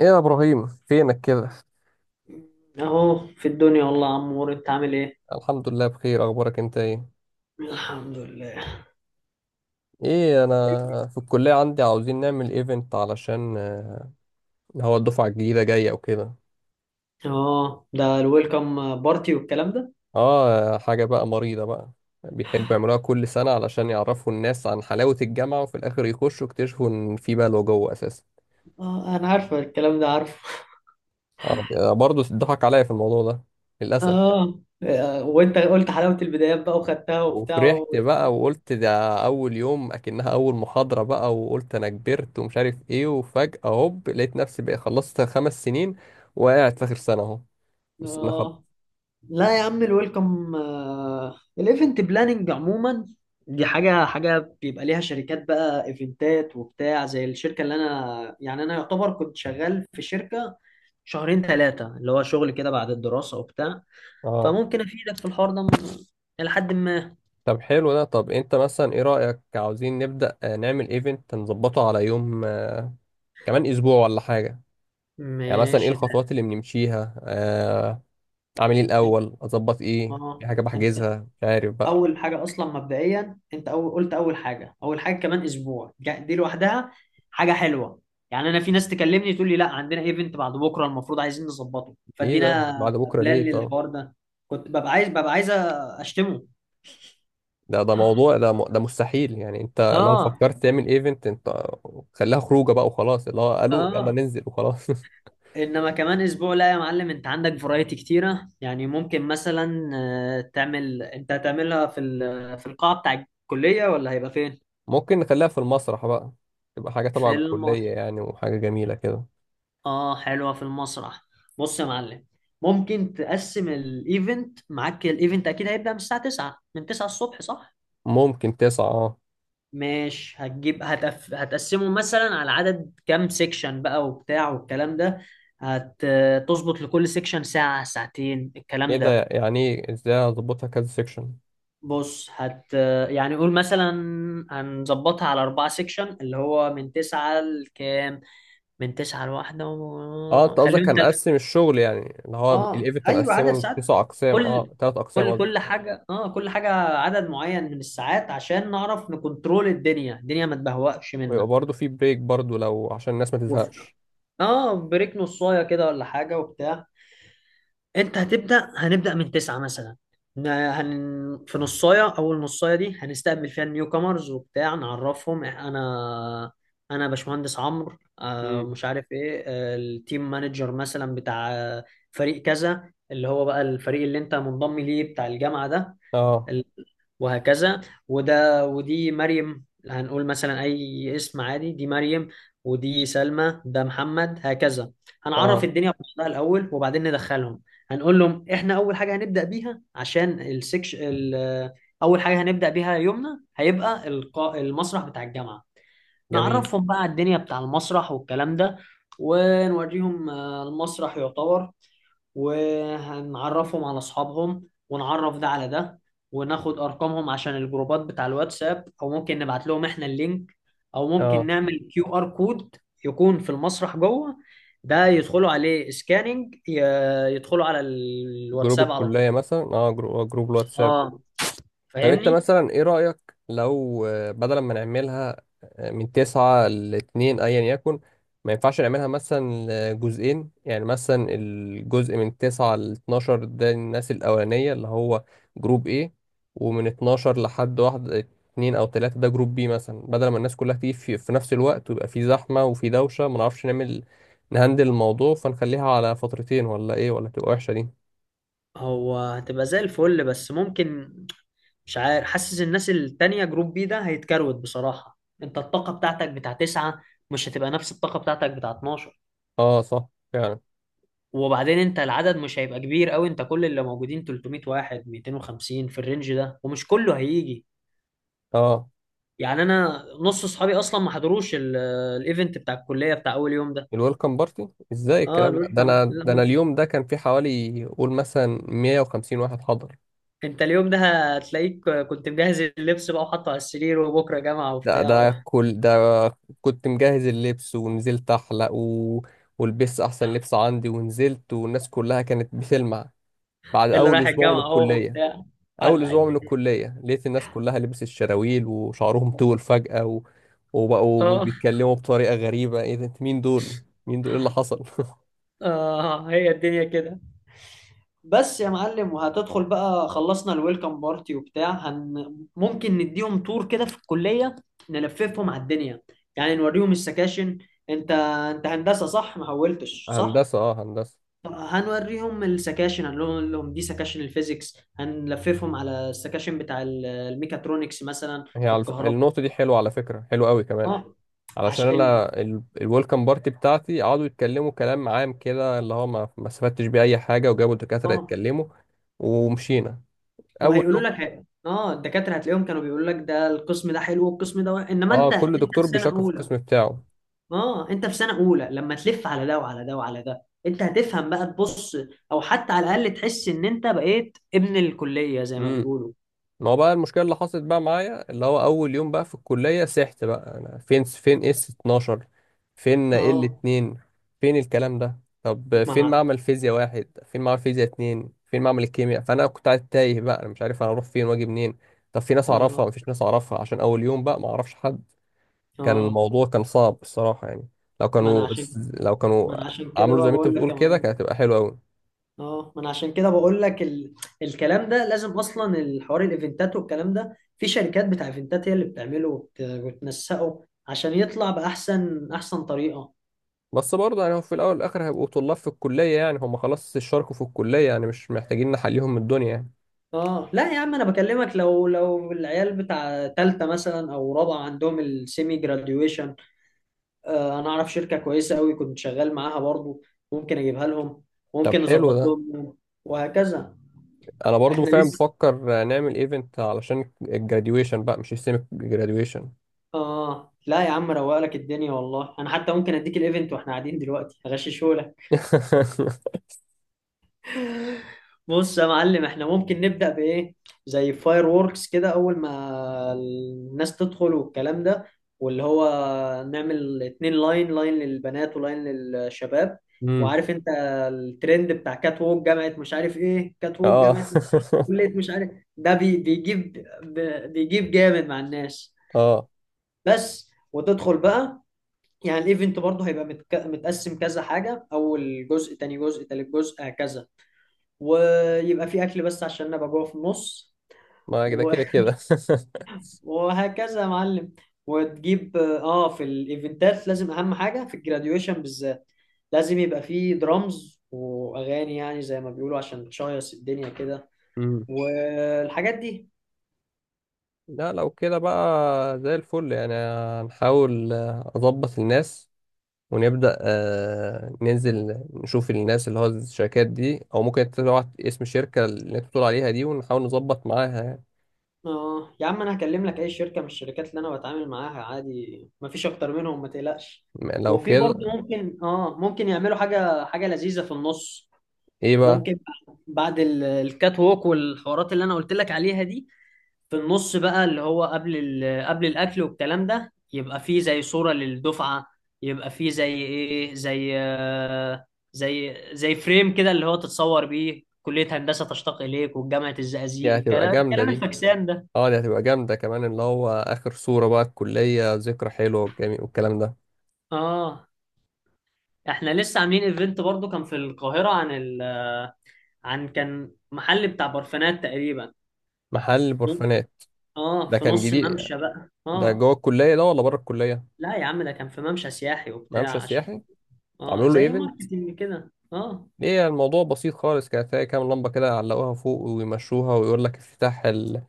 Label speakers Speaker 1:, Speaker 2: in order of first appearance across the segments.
Speaker 1: ايه يا ابراهيم فينك كده؟
Speaker 2: اهو في الدنيا والله يا عمور، انت عامل ايه؟
Speaker 1: الحمد لله، بخير. اخبارك انت ايه؟
Speaker 2: الحمد لله.
Speaker 1: ايه، انا في الكليه عندي عاوزين نعمل ايفنت، علشان هو الدفعه الجديده جايه وكده.
Speaker 2: اه، ده الويلكم بارتي والكلام ده.
Speaker 1: اه، حاجه بقى مريضه بقى. بيحبوا يعملوها كل سنه علشان يعرفوا الناس عن حلاوه الجامعه، وفي الاخر يخشوا يكتشفوا ان في بلوى جوه اساسا.
Speaker 2: اه انا عارفه الكلام ده، عارفه.
Speaker 1: برضه اتضحك عليا في الموضوع ده، للاسف.
Speaker 2: اه. وانت قلت حلاوه البدايات بقى وخدتها وبتاع و...
Speaker 1: وفرحت بقى وقلت ده اول يوم، اكنها اول محاضرة بقى، وقلت انا كبرت ومش عارف ايه، وفجأة هوب لقيت نفسي بقى خلصت 5 سنين، وقاعد في اخر سنة اهو. مش سنة
Speaker 2: اه.
Speaker 1: خالص.
Speaker 2: لا يا عم الويلكم، الايفنت بلاننج عموما دي حاجه حاجه بيبقى ليها شركات بقى ايفنتات وبتاع، زي الشركه اللي انا يعني انا يعتبر كنت شغال في شركه شهرين ثلاثه، اللي هو شغل كده بعد الدراسه وبتاع.
Speaker 1: اه.
Speaker 2: فممكن افيدك في الحوار ده الى حد ما.
Speaker 1: طب حلو ده. طب انت مثلا ايه رأيك، عاوزين نبدأ نعمل ايفنت نظبطه على يوم، كمان اسبوع ولا حاجة. يعني مثلا ايه
Speaker 2: ماشي ده.
Speaker 1: الخطوات اللي بنمشيها؟ اعمل ايه
Speaker 2: انت
Speaker 1: الاول، اظبط ايه، في
Speaker 2: اه
Speaker 1: حاجة
Speaker 2: انت
Speaker 1: بحجزها، مش عارف بقى.
Speaker 2: اول حاجه اصلا مبدئيا، انت أول قلت اول حاجه كمان اسبوع دي لوحدها حاجه حلوه. يعني انا في ناس تكلمني تقول لي لا عندنا ايفنت بعد بكره المفروض عايزين نظبطه،
Speaker 1: ايه ده
Speaker 2: فادينا
Speaker 1: بعد بكرة
Speaker 2: بلان
Speaker 1: ليه طب؟
Speaker 2: للحوار ده. كنت ببقى عايز، ببقى عايز اشتمه.
Speaker 1: ده موضوع، ده مستحيل يعني. انت لو
Speaker 2: اه.
Speaker 1: فكرت تعمل ايفنت، انت خليها خروجه بقى وخلاص، اللي هو قالوا يلا
Speaker 2: اه.
Speaker 1: ننزل وخلاص.
Speaker 2: انما كمان اسبوع لا يا معلم، انت عندك فرايتي كتيره. يعني ممكن مثلا تعمل، انت هتعملها في في القاعه بتاع الكليه ولا هيبقى فين؟
Speaker 1: ممكن نخليها في المسرح بقى. تبقى حاجه تبع
Speaker 2: في
Speaker 1: الكليه
Speaker 2: المسرح.
Speaker 1: يعني، وحاجه جميله كده.
Speaker 2: اه حلوه في المسرح. بص يا معلم، ممكن تقسم الايفنت معاك. الايفنت اكيد هيبدا من الساعه 9، من 9 الصبح صح؟
Speaker 1: ممكن تسعة، اه.
Speaker 2: مش هتجيب هتف... هتقسمه مثلا على عدد كام سيكشن بقى وبتاع والكلام ده. هتظبط لكل سيكشن ساعه ساعتين
Speaker 1: ايه
Speaker 2: الكلام
Speaker 1: ده؟
Speaker 2: ده.
Speaker 1: يعني ايه، ازاي هظبطها كذا سيكشن؟
Speaker 2: بص هت يعني قول مثلا هنظبطها على 4 سيكشن، اللي هو من تسعة لكام؟ من 9 لـ1
Speaker 1: اه،
Speaker 2: و...
Speaker 1: انت قصدك
Speaker 2: خليهم
Speaker 1: هنقسم الشغل، يعني اللي هو
Speaker 2: اه
Speaker 1: الايفنت
Speaker 2: أيوة، عدد
Speaker 1: هنقسمه
Speaker 2: ساعات.
Speaker 1: لتسع اقسام،
Speaker 2: كل
Speaker 1: اه، ثلاث اقسام
Speaker 2: كل
Speaker 1: قصدي.
Speaker 2: كل حاجة، اه كل حاجة، عدد معين من الساعات عشان نعرف نكنترول الدنيا. الدنيا ما تبهوأش
Speaker 1: ويبقى
Speaker 2: منا.
Speaker 1: برضه في بريك برضه، لو عشان الناس ما
Speaker 2: وف...
Speaker 1: تزهقش.
Speaker 2: اه بريك نصاية كده ولا حاجة وبتاع. انت هتبدأ هنبدأ من 9 مثلا. في نصاية، أول نصاية دي هنستقبل فيها النيو كامرز وبتاع، نعرفهم أنا، أنا باشمهندس عمرو،
Speaker 1: مم.
Speaker 2: مش عارف إيه، التيم مانجر مثلا بتاع فريق كذا، اللي هو بقى الفريق اللي أنت منضم ليه بتاع الجامعة ده.
Speaker 1: اه.
Speaker 2: ال- وهكذا. ودي مريم، هنقول مثلا أي اسم عادي، دي مريم، ودي سلمى، ده محمد، هكذا. هنعرف
Speaker 1: اه.
Speaker 2: الدنيا بنفسها الأول وبعدين ندخلهم. هنقول لهم إحنا أول حاجة هنبدأ بيها عشان أول حاجة هنبدأ بيها يومنا هيبقى المسرح بتاع الجامعة.
Speaker 1: جميل.
Speaker 2: نعرفهم بقى على الدنيا بتاع المسرح والكلام ده، ونوريهم المسرح يعتبر، ونعرفهم على اصحابهم، ونعرف ده على ده، وناخد ارقامهم عشان الجروبات بتاع الواتساب، او ممكن نبعت لهم احنا اللينك، او
Speaker 1: اه،
Speaker 2: ممكن نعمل كيو ار كود يكون في المسرح جوه، ده يدخلوا عليه سكاننج، يدخلوا على
Speaker 1: جروب
Speaker 2: الواتساب على طول.
Speaker 1: الكلية مثلا، اه، جروب الواتساب.
Speaker 2: اه
Speaker 1: طب انت
Speaker 2: فاهمني.
Speaker 1: مثلا ايه رأيك، لو بدل ما نعملها من تسعة لاتنين، ايا يكن، ما ينفعش نعملها مثلا لجزئين؟ يعني مثلا الجزء من تسعة لاتناشر ده الناس الأولانية، اللي هو جروب ايه، ومن اتناشر لحد واحد اتنين أو تلاتة ده جروب بي مثلا، بدل ما الناس كلها تيجي في نفس الوقت ويبقى في زحمة وفي دوشة، ما نعرفش نعمل، نهندل الموضوع. فنخليها على فترتين ولا ايه، ولا تبقى وحشة دي؟
Speaker 2: هو هتبقى زي الفل، بس ممكن، مش عارف، حاسس الناس التانية جروب بي ده هيتكروت بصراحة. انت الطاقة بتاعتك بتاع تسعة مش هتبقى نفس الطاقة بتاعتك بتاع 12.
Speaker 1: اه، صح. فعلا.
Speaker 2: وبعدين انت العدد مش هيبقى كبير قوي، انت كل اللي موجودين 300 واحد 250 في الرينج ده، ومش كله هيجي.
Speaker 1: اه،
Speaker 2: يعني انا نص اصحابي اصلا ما حضروش الايفنت بتاع الكليه بتاع اول يوم ده.
Speaker 1: الويلكم بارتي، ازاي
Speaker 2: اه
Speaker 1: الكلام ده؟ ده
Speaker 2: الويلكم،
Speaker 1: انا ده انا
Speaker 2: لا،
Speaker 1: اليوم ده كان في حوالي قول مثلا 150 واحد حضر.
Speaker 2: انت اليوم ده هتلاقيك كنت مجهز اللبس بقى وحاطه على السرير، وبكره جامعه
Speaker 1: ده
Speaker 2: وبتاع،
Speaker 1: كل ده. كنت مجهز اللبس ونزلت احلق، و... ولبست احسن لبس عندي، ونزلت والناس كلها كانت بتلمع. بعد
Speaker 2: اللي
Speaker 1: اول
Speaker 2: رايح
Speaker 1: اسبوع من
Speaker 2: الجامعه اهو
Speaker 1: الكلية.
Speaker 2: وبتاع.
Speaker 1: اول
Speaker 2: ولا
Speaker 1: اسبوع من
Speaker 2: الدنيا.
Speaker 1: الكلية لقيت الناس كلها لبس الشراويل وشعرهم طول فجأة، و... وبقوا
Speaker 2: اه.
Speaker 1: بيتكلموا بطريقة غريبة. ايه ده؟ مين دول؟ مين دول؟ ايه اللي حصل؟
Speaker 2: اه هي الدنيا كده. بس يا معلم، وهتدخل بقى خلصنا الويلكم بارتي وبتاع، ممكن نديهم تور كده في الكلية، نلففهم على الدنيا، يعني نوريهم السكاشن. انت هندسة صح، ما حولتش صح؟
Speaker 1: هندسة، اه، هندسة.
Speaker 2: طب هنوريهم السكاشن، هنقول لهم دي سكاشن الفيزيكس، هنلففهم على السكاشن بتاع الميكاترونكس مثلا،
Speaker 1: هي على
Speaker 2: الكهرباء.
Speaker 1: النقطة دي حلوة على فكرة، حلوة قوي كمان.
Speaker 2: اه.
Speaker 1: علشان
Speaker 2: عش ال...
Speaker 1: أنا الويلكم بارتي بتاعتي قعدوا يتكلموا كلام عام كده، اللي هو ما استفدتش بيه أي حاجة، وجابوا الدكاترة
Speaker 2: اه
Speaker 1: يتكلموا ومشينا. أول
Speaker 2: وهيقولوا
Speaker 1: يوم.
Speaker 2: لك اه الدكاترة، هتلاقيهم كانوا بيقولوا لك ده القسم ده حلو والقسم ده وحش. انما
Speaker 1: اه،
Speaker 2: انت،
Speaker 1: كل
Speaker 2: في
Speaker 1: دكتور
Speaker 2: سنة
Speaker 1: بيشكر في
Speaker 2: اولى،
Speaker 1: القسم بتاعه.
Speaker 2: اه انت في سنه اولى، لما تلف على ده وعلى ده وعلى ده انت هتفهم بقى تبص، او حتى على الاقل تحس ان انت بقيت ابن الكليه زي ما
Speaker 1: مم.
Speaker 2: بيقولوا.
Speaker 1: ما هو بقى المشكله اللي حصلت بقى معايا، اللي هو اول يوم بقى في الكليه، سحت بقى، انا فين اس 12؟ فين ال
Speaker 2: اه.
Speaker 1: 2؟ فين الكلام ده؟ طب فين
Speaker 2: مع
Speaker 1: معمل فيزياء واحد، فين معمل فيزياء اتنين، فين معمل الكيمياء؟ فانا كنت قاعد تايه بقى، انا مش عارف انا اروح فين واجي منين. طب في ناس اعرفها؟
Speaker 2: اه.
Speaker 1: مفيش ناس اعرفها، عشان اول يوم بقى ما اعرفش حد. كان
Speaker 2: اه.
Speaker 1: الموضوع كان صعب الصراحه يعني. لو
Speaker 2: ما انا
Speaker 1: كانوا
Speaker 2: عشان
Speaker 1: لو كانوا
Speaker 2: ما انا عشان كده
Speaker 1: عملوا زي
Speaker 2: بقى
Speaker 1: ما انت
Speaker 2: بقول لك
Speaker 1: بتقول
Speaker 2: يا
Speaker 1: كده
Speaker 2: معلم،
Speaker 1: كانت هتبقى حلوه قوي.
Speaker 2: اه ما انا عشان كده بقول لك الكلام ده لازم اصلا، الحوار الايفنتات والكلام ده في شركات بتاع ايفنتات هي اللي بتعمله وتنسقه عشان يطلع باحسن طريقه.
Speaker 1: بس برضه يعني هم في الاول والاخر هيبقوا طلاب في الكليه يعني، هم خلاص اشتركوا في الكليه يعني، مش محتاجين نحليهم من الدنيا يعني.
Speaker 2: اه لا يا عم، انا بكلمك لو العيال بتاع تالتة مثلا او رابعة عندهم السيمي جراديويشن، آه انا اعرف شركة كويسة قوي كنت شغال معاها برضو، ممكن اجيبها لهم،
Speaker 1: طب
Speaker 2: ممكن
Speaker 1: حلو
Speaker 2: نظبط
Speaker 1: ده.
Speaker 2: لهم يوم، وهكذا.
Speaker 1: انا برضه
Speaker 2: احنا
Speaker 1: فعلا
Speaker 2: لسه.
Speaker 1: بفكر نعمل ايفنت علشان الجراديويشن بقى، مش السيمي جراديويشن.
Speaker 2: اه لا يا عم روق لك الدنيا، والله انا حتى ممكن اديك الايفنت واحنا قاعدين دلوقتي هغششه. بص يا معلم، احنا ممكن نبدأ بإيه؟ زي فاير ووركس كده أول ما الناس تدخل والكلام ده، واللي هو نعمل 2 لاين، لاين للبنات ولاين للشباب.
Speaker 1: امم.
Speaker 2: وعارف انت الترند بتاع كات ووك جامعة، مش عارف ايه، كات ووك
Speaker 1: اه.
Speaker 2: جامعة، كلية، مش عارف، ده بي بيجيب بيجيب جامد مع الناس.
Speaker 1: اه.
Speaker 2: بس وتدخل بقى، يعني الايفنت برضه هيبقى متقسم كذا حاجة، أول جزء، تاني جزء، تالت جزء، هكذا. ويبقى في اكل بس عشان ابقى جوه في النص.
Speaker 1: ما كده
Speaker 2: و-
Speaker 1: كده كده.
Speaker 2: وهكذا يا معلم. وتجيب اه في الايفنتات لازم اهم حاجه في الجراديويشن بالذات، لازم يبقى في درامز واغاني يعني زي ما بيقولوا عشان تشيص الدنيا كده
Speaker 1: امم.
Speaker 2: والحاجات دي.
Speaker 1: لا، لو كده بقى زي الفل يعني. هنحاول اظبط الناس، ونبدأ ننزل نشوف الناس، اللي هو الشركات دي، أو ممكن تبعت اسم الشركة اللي أنت بتقول عليها دي ونحاول نظبط معاها يعني.
Speaker 2: اه يا عم انا هكلم لك اي شركه من الشركات اللي انا بتعامل معاها عادي، مفيش اكتر منهم ما تقلقش.
Speaker 1: لو
Speaker 2: وفي برضه
Speaker 1: كده،
Speaker 2: ممكن، ممكن يعملوا حاجه حاجه لذيذه في النص.
Speaker 1: إيه بقى؟
Speaker 2: ممكن بعد الكات ووك والحوارات اللي انا قلت لك عليها دي، في النص بقى اللي هو قبل قبل الاكل والكلام ده، يبقى فيه زي صورة للدفعة، يبقى فيه زي ايه، زي فريم كده اللي هو تتصور بيه كلية هندسة تشتاق اليك وجامعة الزقازيق،
Speaker 1: دي هتبقى
Speaker 2: الكلام
Speaker 1: جامدة
Speaker 2: الكلام
Speaker 1: دي.
Speaker 2: الفاكسان ده.
Speaker 1: اه، دي هتبقى جامدة كمان، اللي هو آخر صورة بقى الكلية، ذكرى حلوة والجميل والكلام ده.
Speaker 2: اه. احنا لسه عاملين ايفنت برضو كان في القاهرة عن ال آه، كان محل بتاع برفانات تقريبا.
Speaker 1: محل برفانات.
Speaker 2: اه
Speaker 1: ده
Speaker 2: في
Speaker 1: كان
Speaker 2: نص
Speaker 1: جديد.
Speaker 2: ممشى بقى
Speaker 1: ده
Speaker 2: اه.
Speaker 1: جوه الكلية ده ولا بره الكلية؟
Speaker 2: لا يا عم ده كان في ممشى سياحي وبتاع
Speaker 1: ممشى
Speaker 2: عشان،
Speaker 1: سياحي.
Speaker 2: اه
Speaker 1: عملوا له
Speaker 2: زي
Speaker 1: ايفنت.
Speaker 2: ماركتينج كده اه.
Speaker 1: ايه الموضوع بسيط خالص، كانت هي كام لمبة كده علقوها فوق ويمشوها، ويقول لك افتتاح ال-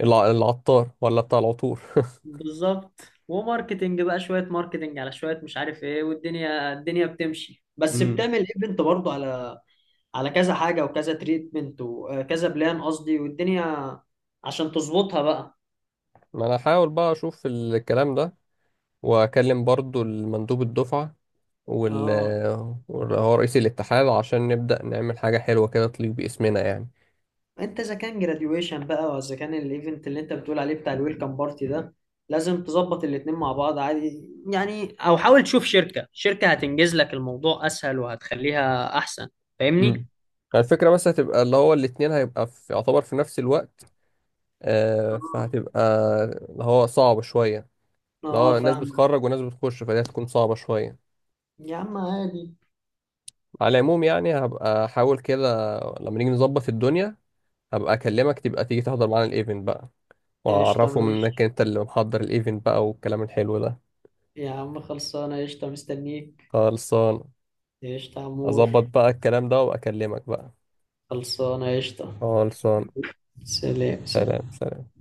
Speaker 1: الع- العطار ولا بتاع العطور.
Speaker 2: بالظبط. وماركتينج بقى، شوية ماركتينج على شوية مش عارف ايه، والدنيا الدنيا بتمشي، بس
Speaker 1: امم.
Speaker 2: بتعمل ايفنت برضه على على كذا حاجة وكذا تريتمنت وكذا بلان قصدي، والدنيا عشان تظبطها بقى.
Speaker 1: ما انا هحاول بقى اشوف الكلام ده، واكلم برضو المندوب الدفعة، وال
Speaker 2: اه
Speaker 1: واللي هو رئيس الاتحاد، عشان نبدأ نعمل حاجة حلوة كده تليق باسمنا يعني.
Speaker 2: انت اذا كان جراديويشن بقى، واذا كان الايفنت اللي انت بتقول عليه بتاع الويلكم بارتي ده، لازم تظبط الاتنين مع بعض عادي يعني، او حاول تشوف شركة، شركة هتنجز لك الموضوع اسهل وهتخليها احسن.
Speaker 1: امم.
Speaker 2: فاهمني.
Speaker 1: الفكرة بس هتبقى اللي هو الاتنين هيبقى في، يعتبر في نفس الوقت، فهتبقى اللي هو صعب شوية، اللي
Speaker 2: اه
Speaker 1: هو ناس
Speaker 2: فاهم.
Speaker 1: بتخرج وناس بتخش، فدي هتكون صعبة شوية.
Speaker 2: يا عم عادي.
Speaker 1: على العموم يعني، هبقى أحاول كده لما نيجي نظبط الدنيا، هبقى أكلمك تبقى تيجي تحضر معانا الإيفنت بقى،
Speaker 2: قشطة
Speaker 1: واعرفهم انك
Speaker 2: ماشي.
Speaker 1: انت اللي محضر الايفنت بقى والكلام الحلو ده.
Speaker 2: يا عم خلصانة قشطة، مستنيك.
Speaker 1: خلصان.
Speaker 2: قشطة يا عمور.
Speaker 1: اظبط بقى الكلام ده واكلمك بقى.
Speaker 2: خلصانة قشطة.
Speaker 1: خلصان.
Speaker 2: سلام سلام.
Speaker 1: سلام سلام.